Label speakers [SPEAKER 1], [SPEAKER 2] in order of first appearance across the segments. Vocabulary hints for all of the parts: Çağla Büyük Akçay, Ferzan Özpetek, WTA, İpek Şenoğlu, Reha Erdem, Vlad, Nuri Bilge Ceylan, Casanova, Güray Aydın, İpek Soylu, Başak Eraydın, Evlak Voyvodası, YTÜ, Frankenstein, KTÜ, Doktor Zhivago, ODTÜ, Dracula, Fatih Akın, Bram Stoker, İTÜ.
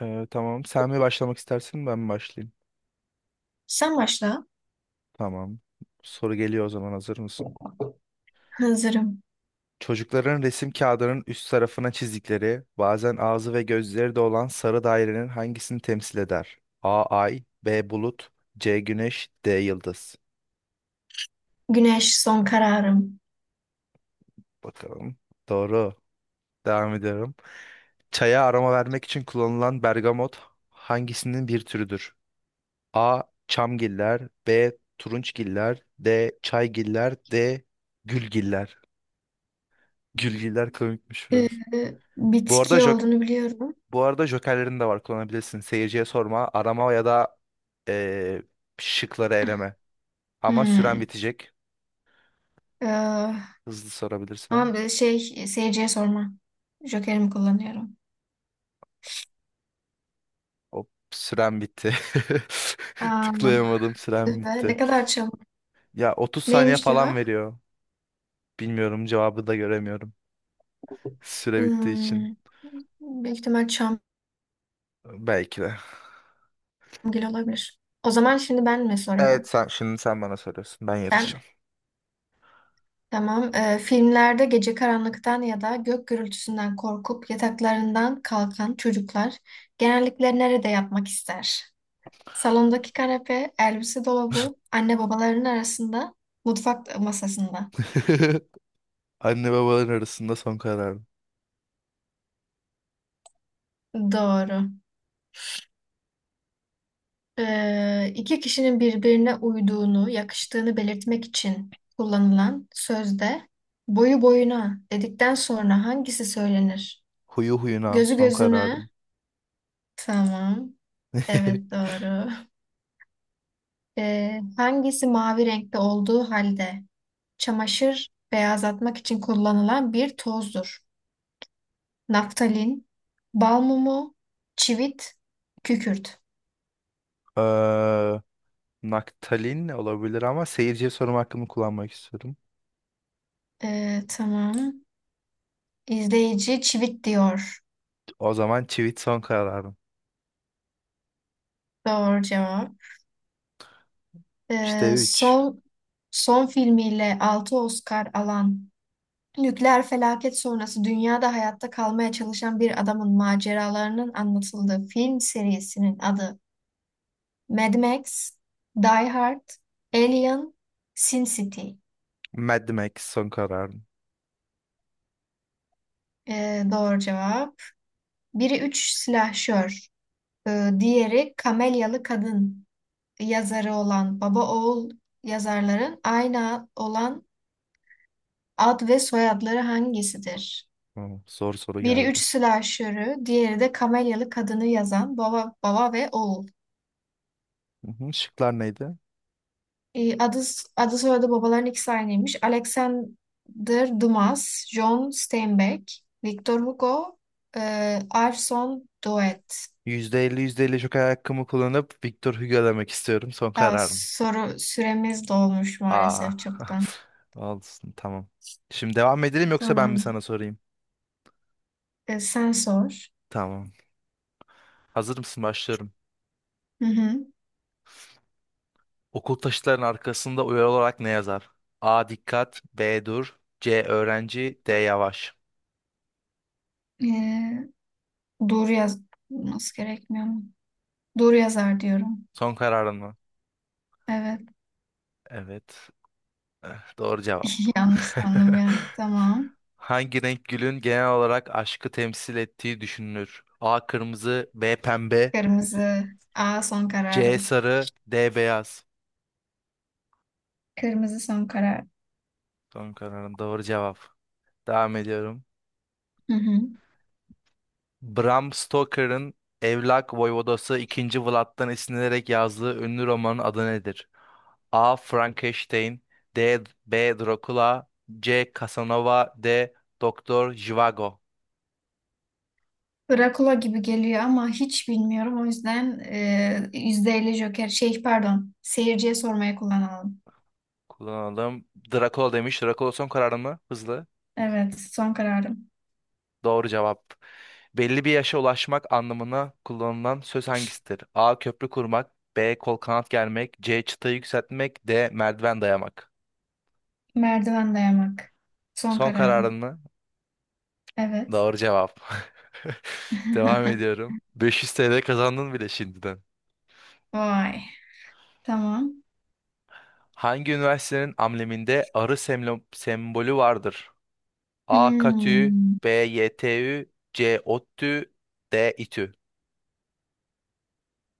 [SPEAKER 1] Tamam. Sen mi başlamak istersin, ben mi başlayayım?
[SPEAKER 2] Sen başla.
[SPEAKER 1] Tamam. Soru geliyor o zaman. Hazır mısın?
[SPEAKER 2] Hazırım.
[SPEAKER 1] Çocukların resim kağıdının üst tarafına çizdikleri, bazen ağzı ve gözleri de olan sarı dairenin hangisini temsil eder? A ay, B bulut, C güneş, D yıldız.
[SPEAKER 2] Güneş son kararım.
[SPEAKER 1] Bakalım. Doğru. Devam ediyorum. Çaya aroma vermek için kullanılan bergamot hangisinin bir türüdür? A. Çamgiller, B. Turunçgiller, D. Çaygiller, D. Gülgiller. Gülgiler komikmiş
[SPEAKER 2] Ee,
[SPEAKER 1] biraz. Bu arada
[SPEAKER 2] Bitki olduğunu biliyorum.
[SPEAKER 1] bu arada jokerlerin de var, kullanabilirsin. Seyirciye sorma, arama ya da eee, şıkları eleme. Ama süren
[SPEAKER 2] Hmm.
[SPEAKER 1] bitecek.
[SPEAKER 2] Ee,
[SPEAKER 1] Hızlı sorabilirsen.
[SPEAKER 2] Ama bir şey seyirciye sorma. Jokerimi kullanıyorum.
[SPEAKER 1] Hop, süren bitti.
[SPEAKER 2] Aa,
[SPEAKER 1] Tıklayamadım, süren
[SPEAKER 2] tüh be, ne
[SPEAKER 1] bitti.
[SPEAKER 2] kadar çabuk.
[SPEAKER 1] Ya 30 saniye
[SPEAKER 2] Neymiş
[SPEAKER 1] falan
[SPEAKER 2] cevap?
[SPEAKER 1] veriyor. Bilmiyorum, cevabı da göremiyorum. Süre bittiği için.
[SPEAKER 2] Hmm, Büyük ihtimal Çamgil
[SPEAKER 1] Belki de.
[SPEAKER 2] olabilir. O zaman şimdi ben mi
[SPEAKER 1] Evet,
[SPEAKER 2] soruyorum?
[SPEAKER 1] sen şimdi sen bana soruyorsun. Ben
[SPEAKER 2] Ben,
[SPEAKER 1] yarışacağım.
[SPEAKER 2] tamam. Filmlerde gece karanlıktan ya da gök gürültüsünden korkup yataklarından kalkan çocuklar genellikle nerede yatmak ister? Salondaki kanepe, elbise dolabı, anne babaların arasında, mutfak masasında.
[SPEAKER 1] Anne babaların arasında son kararım.
[SPEAKER 2] Doğru. İki kişinin birbirine uyduğunu, yakıştığını belirtmek için kullanılan sözde boyu boyuna dedikten sonra hangisi söylenir?
[SPEAKER 1] Huyu huyuna
[SPEAKER 2] Gözü
[SPEAKER 1] son
[SPEAKER 2] gözüne.
[SPEAKER 1] kararım.
[SPEAKER 2] Tamam. Evet doğru. Hangisi mavi renkte olduğu halde çamaşır beyazlatmak için kullanılan bir tozdur? Naftalin, bal mumu, çivit, kükürt.
[SPEAKER 1] Ee, Naktalin olabilir ama seyirciye sorum hakkımı kullanmak istiyorum.
[SPEAKER 2] Tamam. İzleyici çivit diyor.
[SPEAKER 1] O zaman çivit son kararım.
[SPEAKER 2] Doğru cevap.
[SPEAKER 1] 3'te
[SPEAKER 2] Ee,
[SPEAKER 1] üç.
[SPEAKER 2] son son filmiyle 6 Oscar alan nükleer felaket sonrası dünyada hayatta kalmaya çalışan bir adamın maceralarının anlatıldığı film serisinin adı Mad Max, Die Hard, Alien, Sin City.
[SPEAKER 1] Mad Max son kararım.
[SPEAKER 2] Doğru cevap. Biri üç silahşör. Diğeri Kamelyalı Kadın yazarı olan baba oğul yazarların aynı olan ad ve soyadları hangisidir?
[SPEAKER 1] Hı, zor soru
[SPEAKER 2] Biri üç
[SPEAKER 1] geldi.
[SPEAKER 2] slasher'ı, diğeri de Kamelyalı Kadını yazan baba ve oğul.
[SPEAKER 1] Hı hı, şıklar neydi?
[SPEAKER 2] Ee, adı, adı soyadı babaların ikisi aynıymış. Alexander Dumas, John Steinbeck, Victor Hugo, Arson Doet.
[SPEAKER 1] %50 %50 joker hakkımı kullanıp Victor Hugo demek istiyorum. Son
[SPEAKER 2] Aa,
[SPEAKER 1] kararım.
[SPEAKER 2] soru süremiz dolmuş
[SPEAKER 1] Aa.
[SPEAKER 2] maalesef çoktan.
[SPEAKER 1] Olsun, tamam. Şimdi devam edelim yoksa ben mi
[SPEAKER 2] Tamam.
[SPEAKER 1] sana sorayım?
[SPEAKER 2] Sen sor.
[SPEAKER 1] Tamam. Hazır mısın? Başlıyorum.
[SPEAKER 2] Hı hı.
[SPEAKER 1] Okul taşıtlarının arkasında uyarı olarak ne yazar? A. Dikkat. B. Dur. C. Öğrenci. D. Yavaş.
[SPEAKER 2] Ee, doğru yazması gerekmiyor mu? Doğru yazar diyorum.
[SPEAKER 1] Son kararın mı?
[SPEAKER 2] Evet.
[SPEAKER 1] Evet. Eh, doğru cevap.
[SPEAKER 2] Yanlış sandım ya. Tamam.
[SPEAKER 1] Hangi renk gülün genel olarak aşkı temsil ettiği düşünülür? A. Kırmızı. B. Pembe.
[SPEAKER 2] Kırmızı. Aa, son
[SPEAKER 1] C.
[SPEAKER 2] kararım.
[SPEAKER 1] Sarı. D. Beyaz.
[SPEAKER 2] Kırmızı son karar.
[SPEAKER 1] Son kararın doğru cevap. Devam ediyorum.
[SPEAKER 2] Hı hı.
[SPEAKER 1] Bram Stoker'ın Evlak Voyvodası ikinci Vlad'dan esinlenerek yazdığı ünlü romanın adı nedir? A. Frankenstein D. B. Dracula C. Casanova D. Doktor Zhivago.
[SPEAKER 2] Drakula gibi geliyor ama hiç bilmiyorum. O yüzden %50 Joker. Şey pardon. Seyirciye sormaya kullanalım.
[SPEAKER 1] Kullanalım. Dracula demiş. Dracula son kararın mı? Hızlı.
[SPEAKER 2] Evet. Son kararım.
[SPEAKER 1] Doğru cevap. Belli bir yaşa ulaşmak anlamına kullanılan söz hangisidir? A. Köprü kurmak, B. Kol kanat germek, C. Çıtayı yükseltmek, D. Merdiven dayamak.
[SPEAKER 2] Merdiven dayamak. Son
[SPEAKER 1] Son kararın
[SPEAKER 2] kararım.
[SPEAKER 1] mı?
[SPEAKER 2] Evet.
[SPEAKER 1] Doğru cevap. Devam ediyorum. 500 TL kazandın bile şimdiden.
[SPEAKER 2] Vay. Tamam.
[SPEAKER 1] Hangi üniversitenin ambleminde arı sembolü vardır? A. KTÜ,
[SPEAKER 2] Hmm.
[SPEAKER 1] B. YTÜ, C. ODTÜ, D. İTÜ.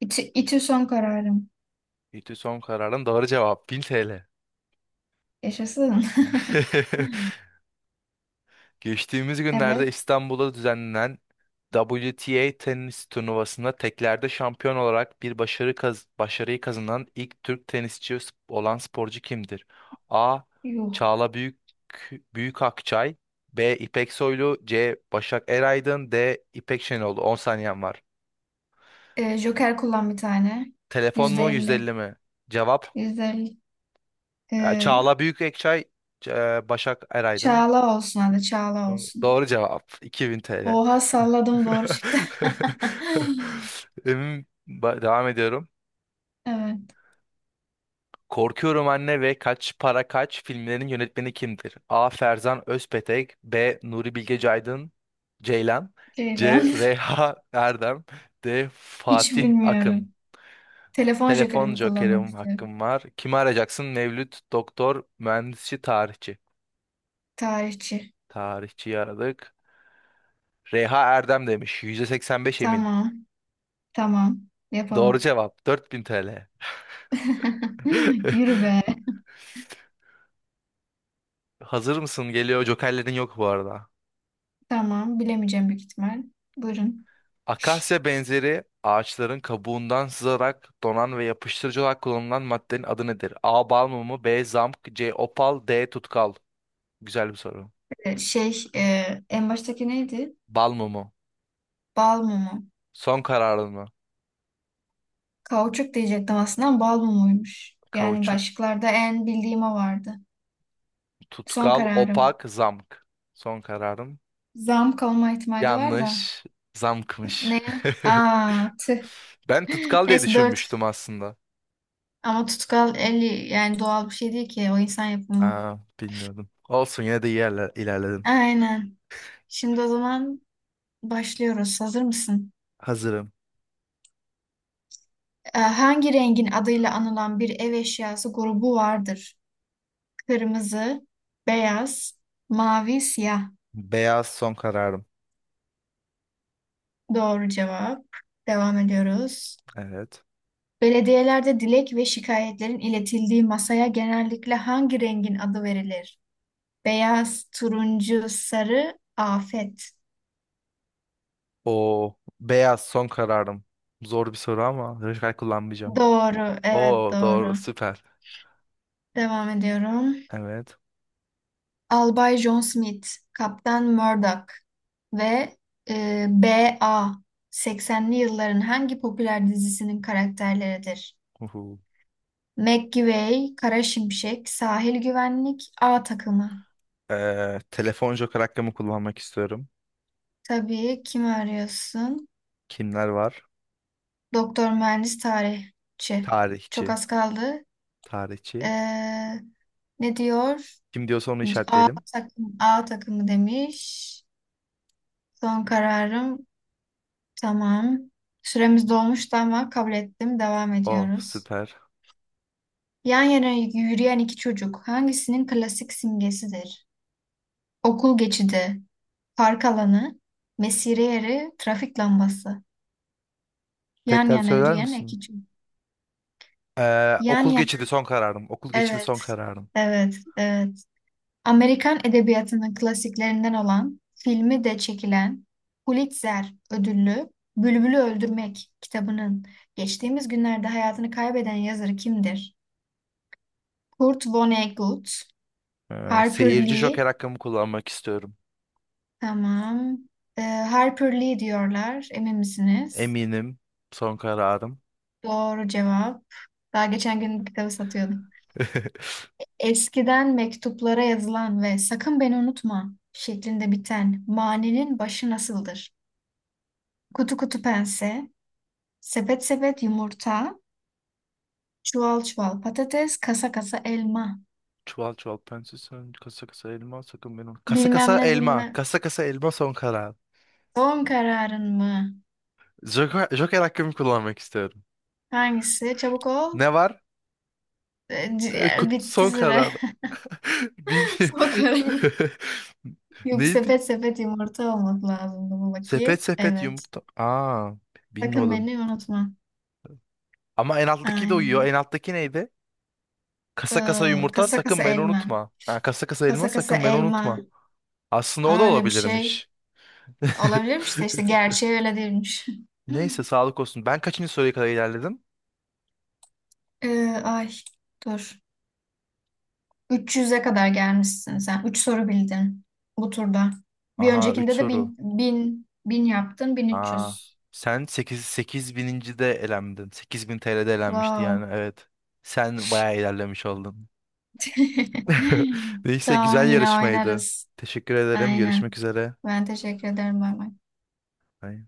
[SPEAKER 2] İti son kararım.
[SPEAKER 1] İTÜ son kararın, doğru cevap, 1000 TL.
[SPEAKER 2] Yaşasın.
[SPEAKER 1] Geçtiğimiz günlerde
[SPEAKER 2] Evet.
[SPEAKER 1] İstanbul'da düzenlenen WTA tenis turnuvasında teklerde şampiyon olarak bir başarıyı kazanan ilk Türk olan sporcu kimdir? A.
[SPEAKER 2] Yuh.
[SPEAKER 1] Çağla Büyük Akçay, B. İpek Soylu, C. Başak Eraydın, D. İpek Şenoğlu. 10 saniyen var.
[SPEAKER 2] Joker kullan bir tane.
[SPEAKER 1] Telefon
[SPEAKER 2] Yüzde
[SPEAKER 1] mu,
[SPEAKER 2] elli.
[SPEAKER 1] 150 mi? Cevap:
[SPEAKER 2] %50. Ee,
[SPEAKER 1] Çağla Büyük Akçay, C- Başak Eraydın.
[SPEAKER 2] Çağla olsun hadi. Çağla olsun.
[SPEAKER 1] Doğru cevap, 2000 TL.
[SPEAKER 2] Oha salladım doğru çıktı.
[SPEAKER 1] Devam ediyorum.
[SPEAKER 2] Evet.
[SPEAKER 1] Korkuyorum Anne ve Kaç Para Kaç filmlerinin yönetmeni kimdir? A. Ferzan Özpetek, B. Nuri Bilge Ceylan, C.
[SPEAKER 2] Ceylan.
[SPEAKER 1] Reha Erdem, D.
[SPEAKER 2] Hiç
[SPEAKER 1] Fatih
[SPEAKER 2] bilmiyorum.
[SPEAKER 1] Akın.
[SPEAKER 2] Telefon
[SPEAKER 1] Telefon
[SPEAKER 2] jokerimi kullanmak
[SPEAKER 1] jokerim
[SPEAKER 2] istiyorum.
[SPEAKER 1] hakkım var. Kimi arayacaksın? Mevlüt, doktor, mühendisçi, tarihçi.
[SPEAKER 2] Tarihçi.
[SPEAKER 1] Tarihçiyi aradık. Reha Erdem demiş. %85 emin.
[SPEAKER 2] Tamam. Tamam.
[SPEAKER 1] Doğru
[SPEAKER 2] Yapalım.
[SPEAKER 1] cevap. 4000 TL.
[SPEAKER 2] Yürü be.
[SPEAKER 1] Hazır mısın? Geliyor. Jokerlerin yok bu arada.
[SPEAKER 2] Tamam. Bilemeyeceğim büyük ihtimal. Buyurun.
[SPEAKER 1] Akasya benzeri ağaçların kabuğundan sızarak donan ve yapıştırıcı olarak kullanılan maddenin adı nedir? A. Bal mumu, B. Zamk, C. Opal, D. Tutkal. Güzel bir soru.
[SPEAKER 2] Ee, Şey, e, En baştaki neydi?
[SPEAKER 1] Bal mumu.
[SPEAKER 2] Bal mumu.
[SPEAKER 1] Son kararın mı?
[SPEAKER 2] Kauçuk diyecektim aslında ama bal mumuymuş. Yani
[SPEAKER 1] Kauçuk,
[SPEAKER 2] başlıklarda en bildiğim o vardı. Son
[SPEAKER 1] tutkal,
[SPEAKER 2] kararım.
[SPEAKER 1] opak, zamk. Son kararım.
[SPEAKER 2] Zam kalma ihtimali var da.
[SPEAKER 1] Yanlış. Zamkmış.
[SPEAKER 2] Ne? Aa, tüh.
[SPEAKER 1] Ben tutkal diye
[SPEAKER 2] Neyse dört.
[SPEAKER 1] düşünmüştüm aslında.
[SPEAKER 2] Ama tutkal eli yani doğal bir şey değil ki. O insan yapımı.
[SPEAKER 1] Aa, bilmiyordum. Olsun, yine de iyi yerler, ilerledim.
[SPEAKER 2] Aynen. Şimdi o zaman başlıyoruz. Hazır mısın?
[SPEAKER 1] Hazırım.
[SPEAKER 2] Hangi rengin adıyla anılan bir ev eşyası grubu vardır? Kırmızı, beyaz, mavi, siyah.
[SPEAKER 1] Beyaz son kararım.
[SPEAKER 2] Doğru cevap. Devam ediyoruz.
[SPEAKER 1] Evet.
[SPEAKER 2] Belediyelerde dilek ve şikayetlerin iletildiği masaya genellikle hangi rengin adı verilir? Beyaz, turuncu, sarı, afet.
[SPEAKER 1] O beyaz son kararım. Zor bir soru ama radikal kullanmayacağım.
[SPEAKER 2] Doğru, evet
[SPEAKER 1] Oo doğru,
[SPEAKER 2] doğru.
[SPEAKER 1] süper.
[SPEAKER 2] Devam ediyorum.
[SPEAKER 1] Evet.
[SPEAKER 2] Albay John Smith, Kaptan Murdoch ve B.A. 80'li yılların hangi popüler dizisinin karakterleridir?
[SPEAKER 1] Uhu.
[SPEAKER 2] McGivey, Kara Şimşek, Sahil Güvenlik, A takımı.
[SPEAKER 1] Telefon joker hakkımı kullanmak istiyorum.
[SPEAKER 2] Tabii kim arıyorsun?
[SPEAKER 1] Kimler var?
[SPEAKER 2] Doktor, mühendis, tarihçi. Çok
[SPEAKER 1] Tarihçi.
[SPEAKER 2] az kaldı.
[SPEAKER 1] Tarihçi.
[SPEAKER 2] Ee, Ne diyor?
[SPEAKER 1] Kim diyorsa onu
[SPEAKER 2] A
[SPEAKER 1] işaretleyelim.
[SPEAKER 2] takım, A takımı demiş. Son kararım. Tamam. Süremiz dolmuştu ama kabul ettim. Devam
[SPEAKER 1] Oh
[SPEAKER 2] ediyoruz.
[SPEAKER 1] süper.
[SPEAKER 2] Yan yana yürüyen iki çocuk hangisinin klasik simgesidir? Okul geçidi, park alanı, mesire yeri, trafik lambası. Yan
[SPEAKER 1] Tekrar
[SPEAKER 2] yana
[SPEAKER 1] söyler
[SPEAKER 2] yürüyen
[SPEAKER 1] misin?
[SPEAKER 2] iki çocuk. Yan
[SPEAKER 1] Okul geçidi
[SPEAKER 2] yana.
[SPEAKER 1] son kararım. Okul geçidi son
[SPEAKER 2] Evet.
[SPEAKER 1] kararım.
[SPEAKER 2] Evet. Evet. Amerikan edebiyatının klasiklerinden olan, filmi de çekilen Pulitzer ödüllü Bülbül'ü Öldürmek kitabının geçtiğimiz günlerde hayatını kaybeden yazarı kimdir? Kurt Vonnegut, Harper
[SPEAKER 1] Seyirci joker
[SPEAKER 2] Lee,
[SPEAKER 1] hakkımı kullanmak istiyorum.
[SPEAKER 2] tamam. Harper Lee diyorlar, emin misiniz?
[SPEAKER 1] Eminim, son kararım.
[SPEAKER 2] Doğru cevap. Daha geçen gün bu kitabı satıyordum. Eskiden mektuplara yazılan ve sakın beni unutma şeklinde biten manenin başı nasıldır? Kutu kutu pense, sepet sepet yumurta, çuval çuval patates, kasa kasa elma.
[SPEAKER 1] Çuval çuval pense, sen kasa kasa elma sakın benim. Kasa
[SPEAKER 2] Bilmem
[SPEAKER 1] kasa
[SPEAKER 2] ne
[SPEAKER 1] elma.
[SPEAKER 2] bilmem.
[SPEAKER 1] Kasa kasa elma son karar.
[SPEAKER 2] Son kararın mı?
[SPEAKER 1] Joker hakkımı kullanmak istiyorum.
[SPEAKER 2] Hangisi? Çabuk ol.
[SPEAKER 1] Ne var?
[SPEAKER 2] Ciğer bitti
[SPEAKER 1] Son
[SPEAKER 2] süre.
[SPEAKER 1] karar. Bil
[SPEAKER 2] Son karar. Yok,
[SPEAKER 1] Neydi?
[SPEAKER 2] sepet sepet yumurta olmak lazımdı bu bakayım.
[SPEAKER 1] Sepet sepet
[SPEAKER 2] Evet.
[SPEAKER 1] yumurta. Aa,
[SPEAKER 2] Sakın
[SPEAKER 1] bilmiyordum.
[SPEAKER 2] beni unutma.
[SPEAKER 1] Ama en alttaki de uyuyor.
[SPEAKER 2] Aynen.
[SPEAKER 1] En alttaki neydi?
[SPEAKER 2] Ee,
[SPEAKER 1] Kasa kasa yumurta
[SPEAKER 2] Kasa kasa
[SPEAKER 1] sakın beni
[SPEAKER 2] elma.
[SPEAKER 1] unutma. Ha, kasa kasa elma
[SPEAKER 2] Kasa kasa
[SPEAKER 1] sakın beni
[SPEAKER 2] elma.
[SPEAKER 1] unutma. Aslında o da
[SPEAKER 2] Aa, öyle bir şey
[SPEAKER 1] olabilirmiş.
[SPEAKER 2] olabilirmiş de işte gerçeği öyle değilmiş.
[SPEAKER 1] Neyse, sağlık olsun. Ben kaçıncı soruya kadar ilerledim?
[SPEAKER 2] Ay, dur. 300'e kadar gelmişsin sen. 3 soru bildin bu turda. Bir
[SPEAKER 1] Aha, 3
[SPEAKER 2] öncekinde de
[SPEAKER 1] soru.
[SPEAKER 2] bin 1000 yaptın
[SPEAKER 1] Aa,
[SPEAKER 2] 1300.
[SPEAKER 1] sen sekiz bininci de elendin. 8000 TL'de elenmişti,
[SPEAKER 2] Wow.
[SPEAKER 1] yani evet. Sen bayağı ilerlemiş oldun. Neyse,
[SPEAKER 2] Tamam
[SPEAKER 1] güzel
[SPEAKER 2] yine
[SPEAKER 1] yarışmaydı.
[SPEAKER 2] oynarız.
[SPEAKER 1] Teşekkür ederim. Görüşmek
[SPEAKER 2] Aynen.
[SPEAKER 1] üzere.
[SPEAKER 2] Ben teşekkür ederim. Bay bay.
[SPEAKER 1] Bye.